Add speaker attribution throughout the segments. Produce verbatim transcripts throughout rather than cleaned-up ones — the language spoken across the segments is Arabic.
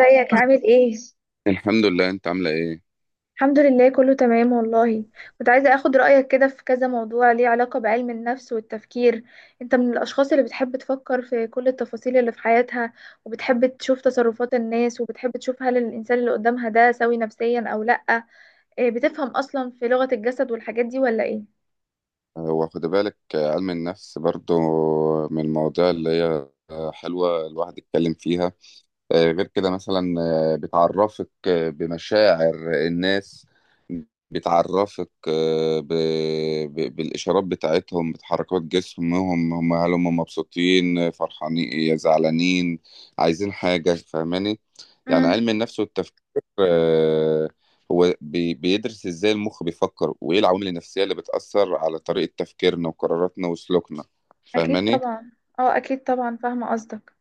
Speaker 1: ازيك؟ عامل ايه؟
Speaker 2: الحمد لله، انت عامله ايه؟
Speaker 1: الحمد لله، كله تمام والله. كنت عايزة اخد رأيك كده في كذا موضوع ليه علاقة بعلم النفس والتفكير. انت من الاشخاص اللي بتحب تفكر في كل التفاصيل اللي في حياتها، وبتحب تشوف تصرفات الناس، وبتحب تشوف هل الانسان اللي قدامها ده سوي نفسيا او لأ. إيه، بتفهم اصلا في لغة الجسد والحاجات دي ولا ايه؟
Speaker 2: هو خد بالك آه، علم النفس برضو من المواضيع اللي هي آه، حلوه الواحد يتكلم فيها. آه، غير كده، مثلا آه، بتعرفك آه، بمشاعر الناس. بتعرفك آه، ب... ب... بالإشارات بتاعتهم، بتحركات جسمهم. هم هل هم مبسوطين، آه، فرحانين، آه، زعلانين، عايزين حاجة؟ فاهماني؟ يعني
Speaker 1: امم،
Speaker 2: علم النفس والتفكير، آه، هو بي... بيدرس إزاي المخ بيفكر وإيه العوامل النفسية اللي بتأثر على طريقة تفكيرنا وقراراتنا وسلوكنا.
Speaker 1: اكيد
Speaker 2: فاهماني؟
Speaker 1: طبعا. اه، اكيد طبعا، فاهمة قصدك.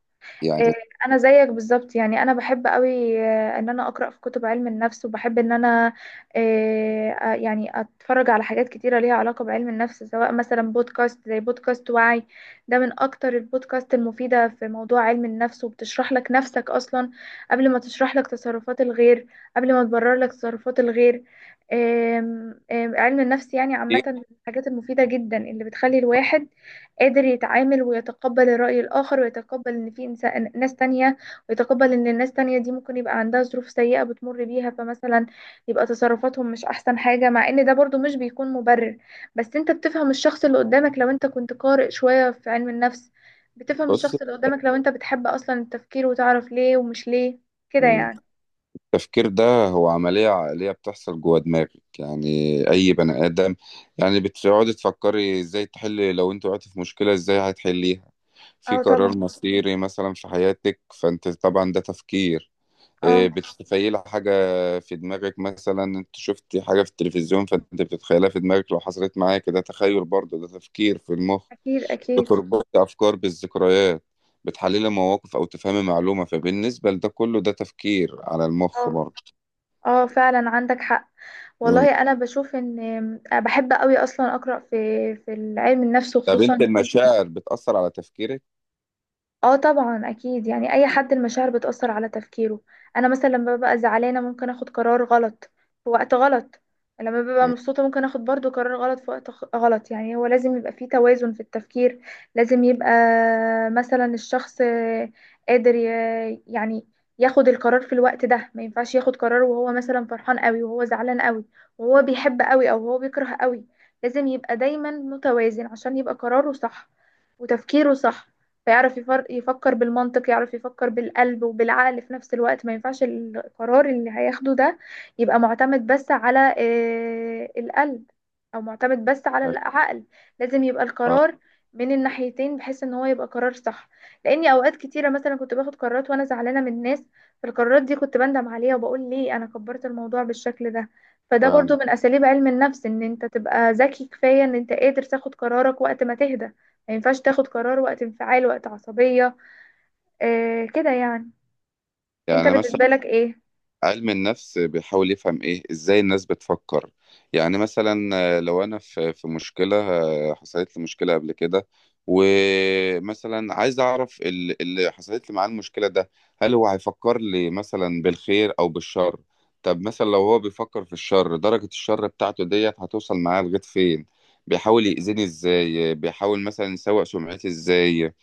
Speaker 1: إيه،
Speaker 2: يعني
Speaker 1: انا زيك بالظبط، يعني انا بحب قوي آه، ان انا اقرا في كتب علم النفس، وبحب ان انا آه، آه، يعني اتفرج على حاجات كتيره ليها علاقه بعلم النفس، سواء مثلا بودكاست زي بودكاست وعي. ده من اكتر البودكاست المفيده في موضوع علم النفس، وبتشرح لك نفسك اصلا قبل ما تشرح لك تصرفات الغير، قبل ما تبرر لك تصرفات الغير. آم، آم، علم النفس يعني عامه
Speaker 2: كتير-
Speaker 1: من الحاجات المفيده جدا اللي بتخلي الواحد قادر يتعامل ويتقبل الرأي الآخر، ويتقبل إن في إنسان ناس تانية، ويتقبل إن الناس تانية دي ممكن يبقى عندها ظروف سيئة بتمر بيها. فمثلا يبقى تصرفاتهم مش أحسن حاجة، مع إن ده برضو مش بيكون مبرر. بس أنت بتفهم الشخص اللي قدامك لو أنت كنت قارئ شوية في علم النفس. بتفهم
Speaker 2: بص،
Speaker 1: الشخص اللي قدامك لو أنت بتحب أصلا التفكير وتعرف ليه ومش ليه، كده يعني.
Speaker 2: التفكير ده هو عملية عقلية بتحصل جوه دماغك. يعني أي بني آدم، يعني بتقعدي تفكري إزاي تحلي لو أنت وقعتي في مشكلة، إزاي هتحليها، في
Speaker 1: اه، طبعا.
Speaker 2: قرار مصيري مثلا في حياتك، فأنت طبعا ده تفكير. إيه،
Speaker 1: اه،
Speaker 2: بتتخيلي حاجة في دماغك، مثلا أنت شفتي حاجة في التلفزيون فأنت بتتخيلها في دماغك لو حصلت معاك، ده تخيل برضه، ده تفكير في المخ.
Speaker 1: أكيد أكيد.
Speaker 2: بتربطي أفكار بالذكريات، بتحللي مواقف أو تفهمي معلومة، فبالنسبة لده كله ده تفكير على المخ
Speaker 1: اه،
Speaker 2: برضه.
Speaker 1: اه، فعلا عندك حق.
Speaker 2: مم.
Speaker 1: والله انا بشوف ان آه، بحب قوي اصلا اقرا في في علم النفس،
Speaker 2: طب انت،
Speaker 1: وخصوصا.
Speaker 2: المشاعر بتأثر على تفكيرك؟
Speaker 1: اه، طبعا اكيد، يعني اي حد المشاعر بتأثر على تفكيره. انا مثلا لما ببقى زعلانة ممكن اخد قرار غلط في وقت غلط. لما ببقى
Speaker 2: مم.
Speaker 1: مبسوطة ممكن اخد برضو قرار غلط في وقت خ- غلط، يعني هو لازم يبقى فيه توازن في التفكير. لازم يبقى مثلا الشخص قادر ي- يعني ياخد القرار في الوقت ده. ما ينفعش ياخد قرار وهو مثلا فرحان قوي، وهو زعلان قوي، وهو بيحب قوي، او هو بيكره قوي. لازم يبقى دايما متوازن عشان يبقى قراره صح وتفكيره صح. فيعرف يفر- يفكر بالمنطق، يعرف يفكر بالقلب وبالعقل في نفس الوقت. ما ينفعش القرار اللي هياخده ده يبقى معتمد بس على آه، القلب، او معتمد بس على العقل. لازم يبقى
Speaker 2: اه
Speaker 1: القرار من الناحيتين بحيث ان هو يبقى قرار صح. لاني اوقات كتيره مثلا كنت باخد قرارات وانا زعلانه من الناس، فالقرارات دي كنت بندم عليها وبقول ليه انا كبرت الموضوع بالشكل ده. فده برضو
Speaker 2: فعلا.
Speaker 1: من اساليب علم النفس، ان انت تبقى ذكي كفايه ان انت قادر تاخد قرارك وقت ما تهدى. ما ينفعش تاخد قرار وقت انفعال، وقت عصبية. آه كده يعني. انت
Speaker 2: يعني مثلا
Speaker 1: بالنسبة لك ايه؟
Speaker 2: علم النفس بيحاول يفهم ايه ازاي الناس بتفكر. يعني مثلا آه، لو انا في في مشكلة، آه، حصلت لي مشكلة قبل كده، ومثلا عايز اعرف ال- اللي حصلت لي معاه المشكلة ده، هل هو هيفكر لي مثلا بالخير او بالشر؟ طب مثلا لو هو بيفكر في الشر، درجة الشر بتاعته ديت هتوصل معاه لغاية فين؟ بيحاول يأذيني ازاي؟ بيحاول مثلا يسوء سمعتي ازاي؟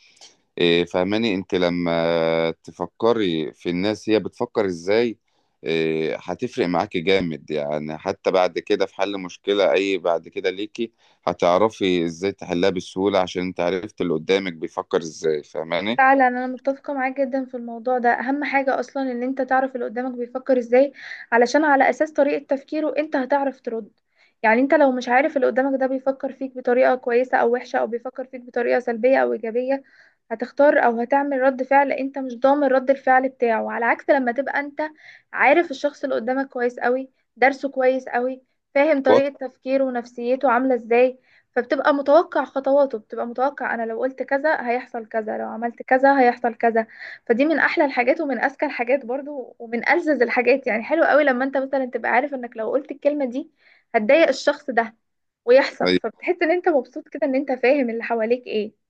Speaker 2: إيه، فهماني؟ انت لما تفكري في الناس، هي بتفكر ازاي؟ إيه، هتفرق معاكي جامد، يعني حتى بعد كده في حل مشكلة، اي بعد كده ليكي هتعرفي ازاي تحلها بسهولة عشان انت عرفت اللي قدامك بيفكر ازاي. فهماني؟
Speaker 1: فعلا انا متفقه معاك جدا في الموضوع ده. اهم حاجه اصلا ان انت تعرف اللي قدامك بيفكر ازاي، علشان على اساس طريقه تفكيره انت هتعرف ترد. يعني انت لو مش عارف اللي قدامك ده بيفكر فيك بطريقه كويسه او وحشه، او بيفكر فيك بطريقه سلبيه او ايجابيه، هتختار او هتعمل رد فعل انت مش ضامن رد الفعل بتاعه. على عكس لما تبقى انت عارف الشخص اللي قدامك كويس قوي، درسه كويس قوي، فاهم
Speaker 2: وط-
Speaker 1: طريقه تفكيره ونفسيته عامله ازاي. فبتبقى متوقع خطواته، بتبقى متوقع انا لو قلت كذا هيحصل كذا، لو عملت كذا هيحصل كذا. فدي من احلى الحاجات ومن اذكى الحاجات برضو ومن ألذذ الحاجات، يعني حلو قوي لما انت مثلا تبقى عارف انك لو قلت الكلمة دي هتضايق الشخص ده ويحصل.
Speaker 2: أي-
Speaker 1: فبتحس ان انت مبسوط كده ان انت فاهم اللي حواليك ايه.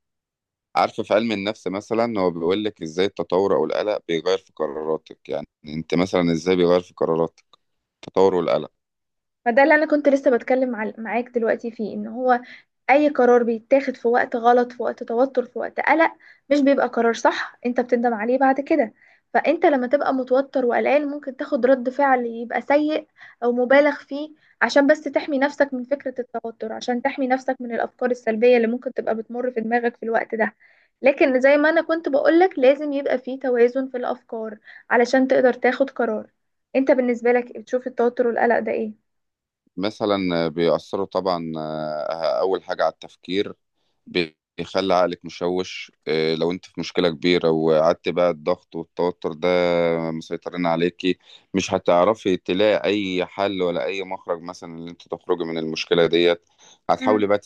Speaker 2: عارفة، في علم النفس مثلا هو بيقول لك ازاي التطور او القلق بيغير في قراراتك. يعني انت مثلا ازاي بيغير في قراراتك التطور والقلق؟
Speaker 1: ما ده اللي انا كنت لسه بتكلم عل- معاك دلوقتي فيه، ان هو اي قرار بيتاخد في وقت غلط، في وقت توتر، في وقت قلق، مش بيبقى قرار صح، انت بتندم عليه بعد كده. فانت لما تبقى متوتر وقلقان ممكن تاخد رد فعل يبقى سيء او مبالغ فيه، عشان بس تحمي نفسك من فكرة التوتر، عشان تحمي نفسك من الافكار السلبية اللي ممكن تبقى بتمر في دماغك في الوقت ده. لكن زي ما انا كنت بقولك، لازم يبقى فيه توازن في الافكار علشان تقدر تاخد قرار. انت بالنسبة لك بتشوف التوتر والقلق ده ايه؟
Speaker 2: مثلا بيأثروا طبعا، آه، أول حاجة على التفكير، بيخلي عقلك مشوش. آه، لو انت في مشكلة كبيرة وقعدت بقى الضغط والتوتر ده مسيطرين عليكي، مش هتعرفي تلاقي أي حل ولا أي مخرج مثلا اللي انت تخرجي من المشكلة ديت. هتحاولي
Speaker 1: مم.
Speaker 2: بقى،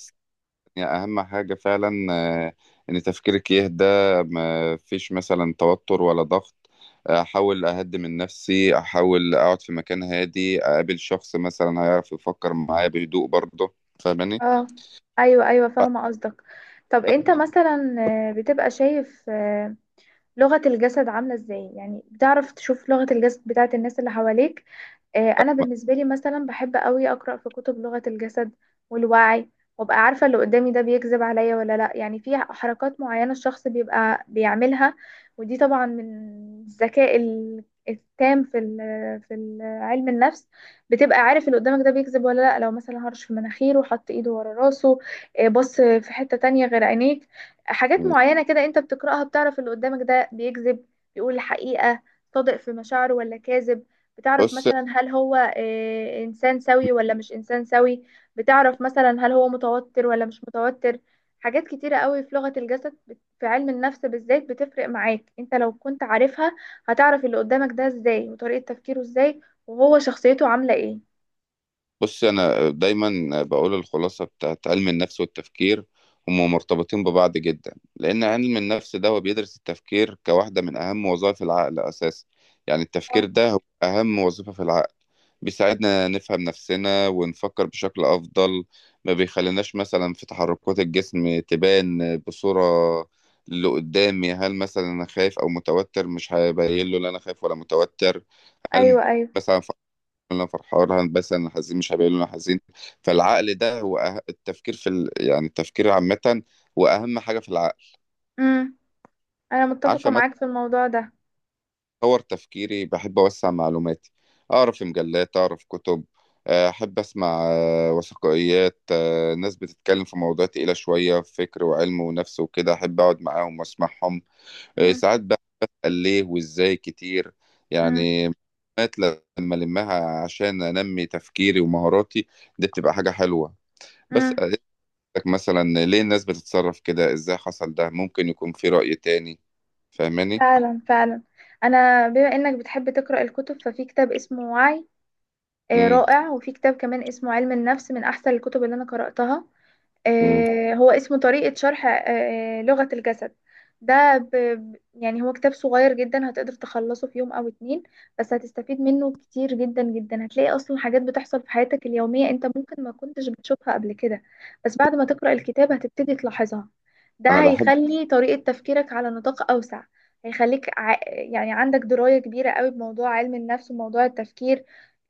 Speaker 2: يعني أهم حاجة فعلا آه، إن تفكيرك يهدى، ما فيش مثلا توتر ولا ضغط. أحاول أهدي من نفسي، أحاول أقعد في مكان هادي، أقابل شخص مثلا هيعرف يفكر معايا بهدوء برضه. فاهماني؟
Speaker 1: اه، ايوه، ايوه، فاهمه قصدك. طب انت مثلا آه، بتبقى شايف آه، لغه الجسد عامله ازاي؟ يعني بتعرف تشوف لغه الجسد بتاعت الناس اللي حواليك؟ آه، انا بالنسبه لي مثلا بحب قوي اقرا في كتب لغه الجسد والوعي، وابقى عارفه اللي قدامي ده بيكذب عليا ولا لا. يعني في حركات معينه الشخص بيبقى بيعملها، ودي طبعا من الذكاء ال- التام في ال- في ال- علم النفس. بتبقى عارف اللي قدامك ده بيكذب ولا لا، لو مثلا هرش في مناخيره، حط ايده ورا راسه، آه، بص في حته تانية غير عينيك. حاجات معينه كده انت بتقراها بتعرف اللي قدامك ده بيكذب، بيقول الحقيقه، صادق في مشاعره ولا كاذب. بتعرف
Speaker 2: بص،
Speaker 1: مثلا هل هو آه، إنسان سوي ولا مش إنسان سوي. بتعرف مثلا هل هو متوتر ولا مش متوتر. حاجات كتيرة قوي في لغة الجسد بت- في علم النفس بالذات بتفرق معاك انت لو كنت عارفها. هتعرف اللي قدامك ده ازاي وطريقة تفكيره ازاي، وهو شخصيته عاملة ايه.
Speaker 2: بص، انا دايما بقول الخلاصه بتاعت علم النفس والتفكير، هم مرتبطين ببعض جدا لان علم النفس ده هو بيدرس التفكير كواحده من اهم وظائف العقل اساسا. يعني التفكير
Speaker 1: اه،
Speaker 2: ده هو اهم وظيفه في العقل، بيساعدنا نفهم نفسنا ونفكر بشكل افضل. ما بيخليناش مثلا في تحركات الجسم تبان بصوره، اللي قدامي هل مثلا انا خايف او متوتر؟ مش هبين له ان انا خايف ولا متوتر.
Speaker 1: ايوه،
Speaker 2: هل
Speaker 1: ايوه،
Speaker 2: مثلا انا فرحان؟ هندبسط. انا حزين؟ مش هبقى انا حزين. فالعقل ده هو أه... التفكير، في ال... يعني التفكير عامة هو اهم حاجة في العقل.
Speaker 1: امم. انا متفقة
Speaker 2: عارفة، مثلا
Speaker 1: معاك في الموضوع ده.
Speaker 2: اطور تفكيري، بحب اوسع معلوماتي، اقرا في مجلات، اقرا في كتب. آه، احب اسمع آه، وثائقيات، آه، ناس بتتكلم في مواضيع تقيلة شوية فكر وعلم ونفس وكده، احب اقعد معاهم واسمعهم. آه،
Speaker 1: امم،
Speaker 2: ساعات بقى بسأل ليه وازاي كتير،
Speaker 1: امم،
Speaker 2: يعني معلومات لما لمها عشان انمي تفكيري ومهاراتي، دي بتبقى حاجة حلوة. بس
Speaker 1: امم،
Speaker 2: اسألك، مثلا ليه الناس بتتصرف كده؟ ازاي حصل ده؟ ممكن يكون في رأي تاني. فاهماني؟
Speaker 1: فعلا، فعلا. انا بما انك بتحب تقرأ الكتب، ففي كتاب اسمه وعي آه،
Speaker 2: امم
Speaker 1: رائع. وفي كتاب كمان اسمه علم النفس من أحسن الكتب اللي أنا قرأتها.
Speaker 2: امم
Speaker 1: آه، هو اسمه طريقة شرح آه، آه، لغة الجسد. ده ب... ب- يعني هو كتاب صغير جدا هتقدر تخلصه في يوم أو اتنين. بس هتستفيد منه كتير جدا جدا. هتلاقي أصلا حاجات بتحصل في حياتك اليومية أنت ممكن ما كنتش بتشوفها قبل كده، بس بعد ما تقرأ الكتاب هتبتدي تلاحظها. ده
Speaker 2: انا بحب
Speaker 1: هيخلي طريقة تفكيرك على نطاق أوسع، هيخليك ع... يعني عندك دراية كبيرة قوي بموضوع علم النفس وموضوع التفكير.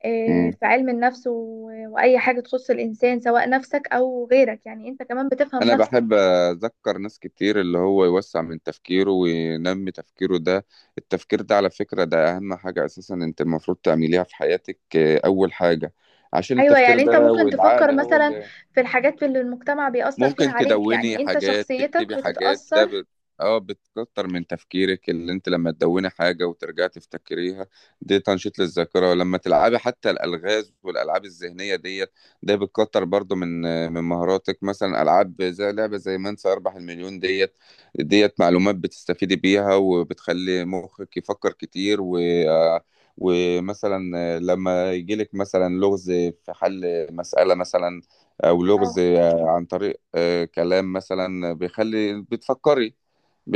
Speaker 1: آه،
Speaker 2: امم
Speaker 1: في علم النفس و- وأي حاجة تخص الإنسان سواء نفسك أو غيرك، يعني أنت كمان بتفهم
Speaker 2: انا
Speaker 1: نفسك.
Speaker 2: بحب اذكر ناس كتير اللي هو يوسع من تفكيره وينمي تفكيره ده. التفكير ده على فكرة ده اهم حاجة اساسا انت المفروض تعمليها في حياتك، آه، اول حاجة، عشان
Speaker 1: أيوة،
Speaker 2: التفكير
Speaker 1: يعني أنت
Speaker 2: ده
Speaker 1: ممكن
Speaker 2: والعقل
Speaker 1: تفكر
Speaker 2: هو
Speaker 1: مثلا
Speaker 2: اللي
Speaker 1: في الحاجات اللي المجتمع بيأثر فيها
Speaker 2: ممكن
Speaker 1: عليك،
Speaker 2: تدوني
Speaker 1: يعني أنت
Speaker 2: حاجات،
Speaker 1: شخصيتك
Speaker 2: تكتبي حاجات. ده
Speaker 1: بتتأثر.
Speaker 2: بت... اه، بتكتر من تفكيرك اللي انت لما تدوني حاجة وترجعي تفتكريها، دي تنشيط للذاكرة. ولما تلعبي حتى الألغاز والألعاب الذهنية ديت ده بتكتر برضو من من مهاراتك. مثلا ألعاب زي لعبة زي من سيربح المليون ديت، ديت معلومات بتستفيدي بيها وبتخلي مخك يفكر كتير و آه، ومثلا لما يجيلك مثلا لغز في حل مسألة مثلا أو لغز
Speaker 1: اه،
Speaker 2: عن طريق آه، كلام مثلا بيخلي بتفكري،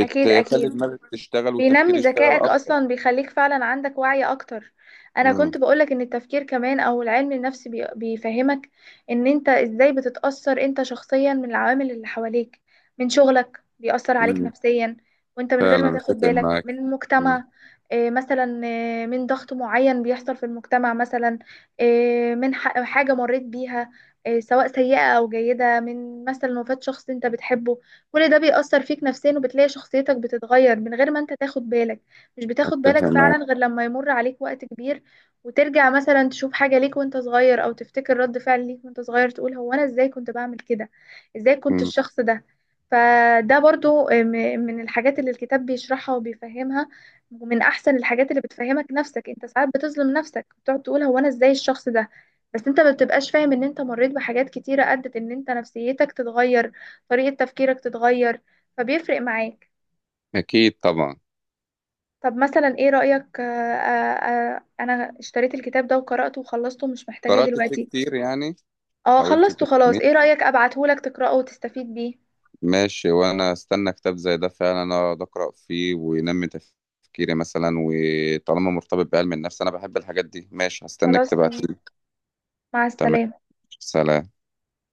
Speaker 1: أكيد أكيد،
Speaker 2: دماغك تشتغل والتفكير
Speaker 1: بينمي
Speaker 2: يشتغل
Speaker 1: ذكائك
Speaker 2: اكتر.
Speaker 1: اصلا، بيخليك فعلا عندك وعي اكتر. انا
Speaker 2: مم.
Speaker 1: كنت بقولك ان التفكير كمان او العلم النفسي بي- بيفهمك ان انت ازاي بتتأثر انت شخصيا من العوامل اللي حواليك، من شغلك بيأثر عليك
Speaker 2: مم.
Speaker 1: نفسيا وانت من غير ما
Speaker 2: فعلا
Speaker 1: تاخد
Speaker 2: اتفق
Speaker 1: بالك،
Speaker 2: معاك.
Speaker 1: من
Speaker 2: مم.
Speaker 1: المجتمع، آه، مثلا آه، من ضغط معين بيحصل في المجتمع، مثلا آه، من ح- حاجة مريت بيها، آه، سواء سيئة او جيدة، من مثلا وفاة شخص انت بتحبه. كل ده بيأثر فيك نفسيا، وبتلاقي شخصيتك بتتغير من غير ما انت تاخد بالك. مش بتاخد
Speaker 2: اتفق
Speaker 1: بالك
Speaker 2: معاك.
Speaker 1: فعلا غير لما يمر عليك وقت كبير، وترجع مثلا تشوف حاجة ليك وانت صغير، او تفتكر رد فعل ليك وانت صغير، تقول هو انا ازاي كنت بعمل كده، ازاي كنت
Speaker 2: مم.
Speaker 1: الشخص ده. فده برضو م- من الحاجات اللي الكتاب بيشرحها وبيفهمها. ومن احسن الحاجات اللي بتفهمك نفسك، انت ساعات بتظلم نفسك بتقعد تقول هو انا ازاي الشخص ده، بس انت ما بتبقاش فاهم ان انت مريت بحاجات كتيرة ادت ان انت نفسيتك تتغير، طريقة تفكيرك تتغير، فبيفرق معاك.
Speaker 2: اكيد طبعا.
Speaker 1: طب مثلا ايه رأيك، آه، آه، آه، انا اشتريت الكتاب ده وقرأته وخلصته مش محتاجاه
Speaker 2: قرات فيه
Speaker 1: دلوقتي.
Speaker 2: كتير يعني.
Speaker 1: اه،
Speaker 2: حاولت
Speaker 1: خلصته خلاص،
Speaker 2: تفهمين.
Speaker 1: ايه رأيك ابعتهولك تقرأه وتستفيد بيه؟
Speaker 2: ماشي، وانا استنى كتاب زي ده فعلا اقعد اقرا فيه وينمي تفكيري مثلا، وطالما مرتبط بعلم النفس انا بحب الحاجات دي. ماشي، هستناك
Speaker 1: خلاص تمام.
Speaker 2: تبعتيلي.
Speaker 1: مع
Speaker 2: تمام.
Speaker 1: السلامة.
Speaker 2: سلام.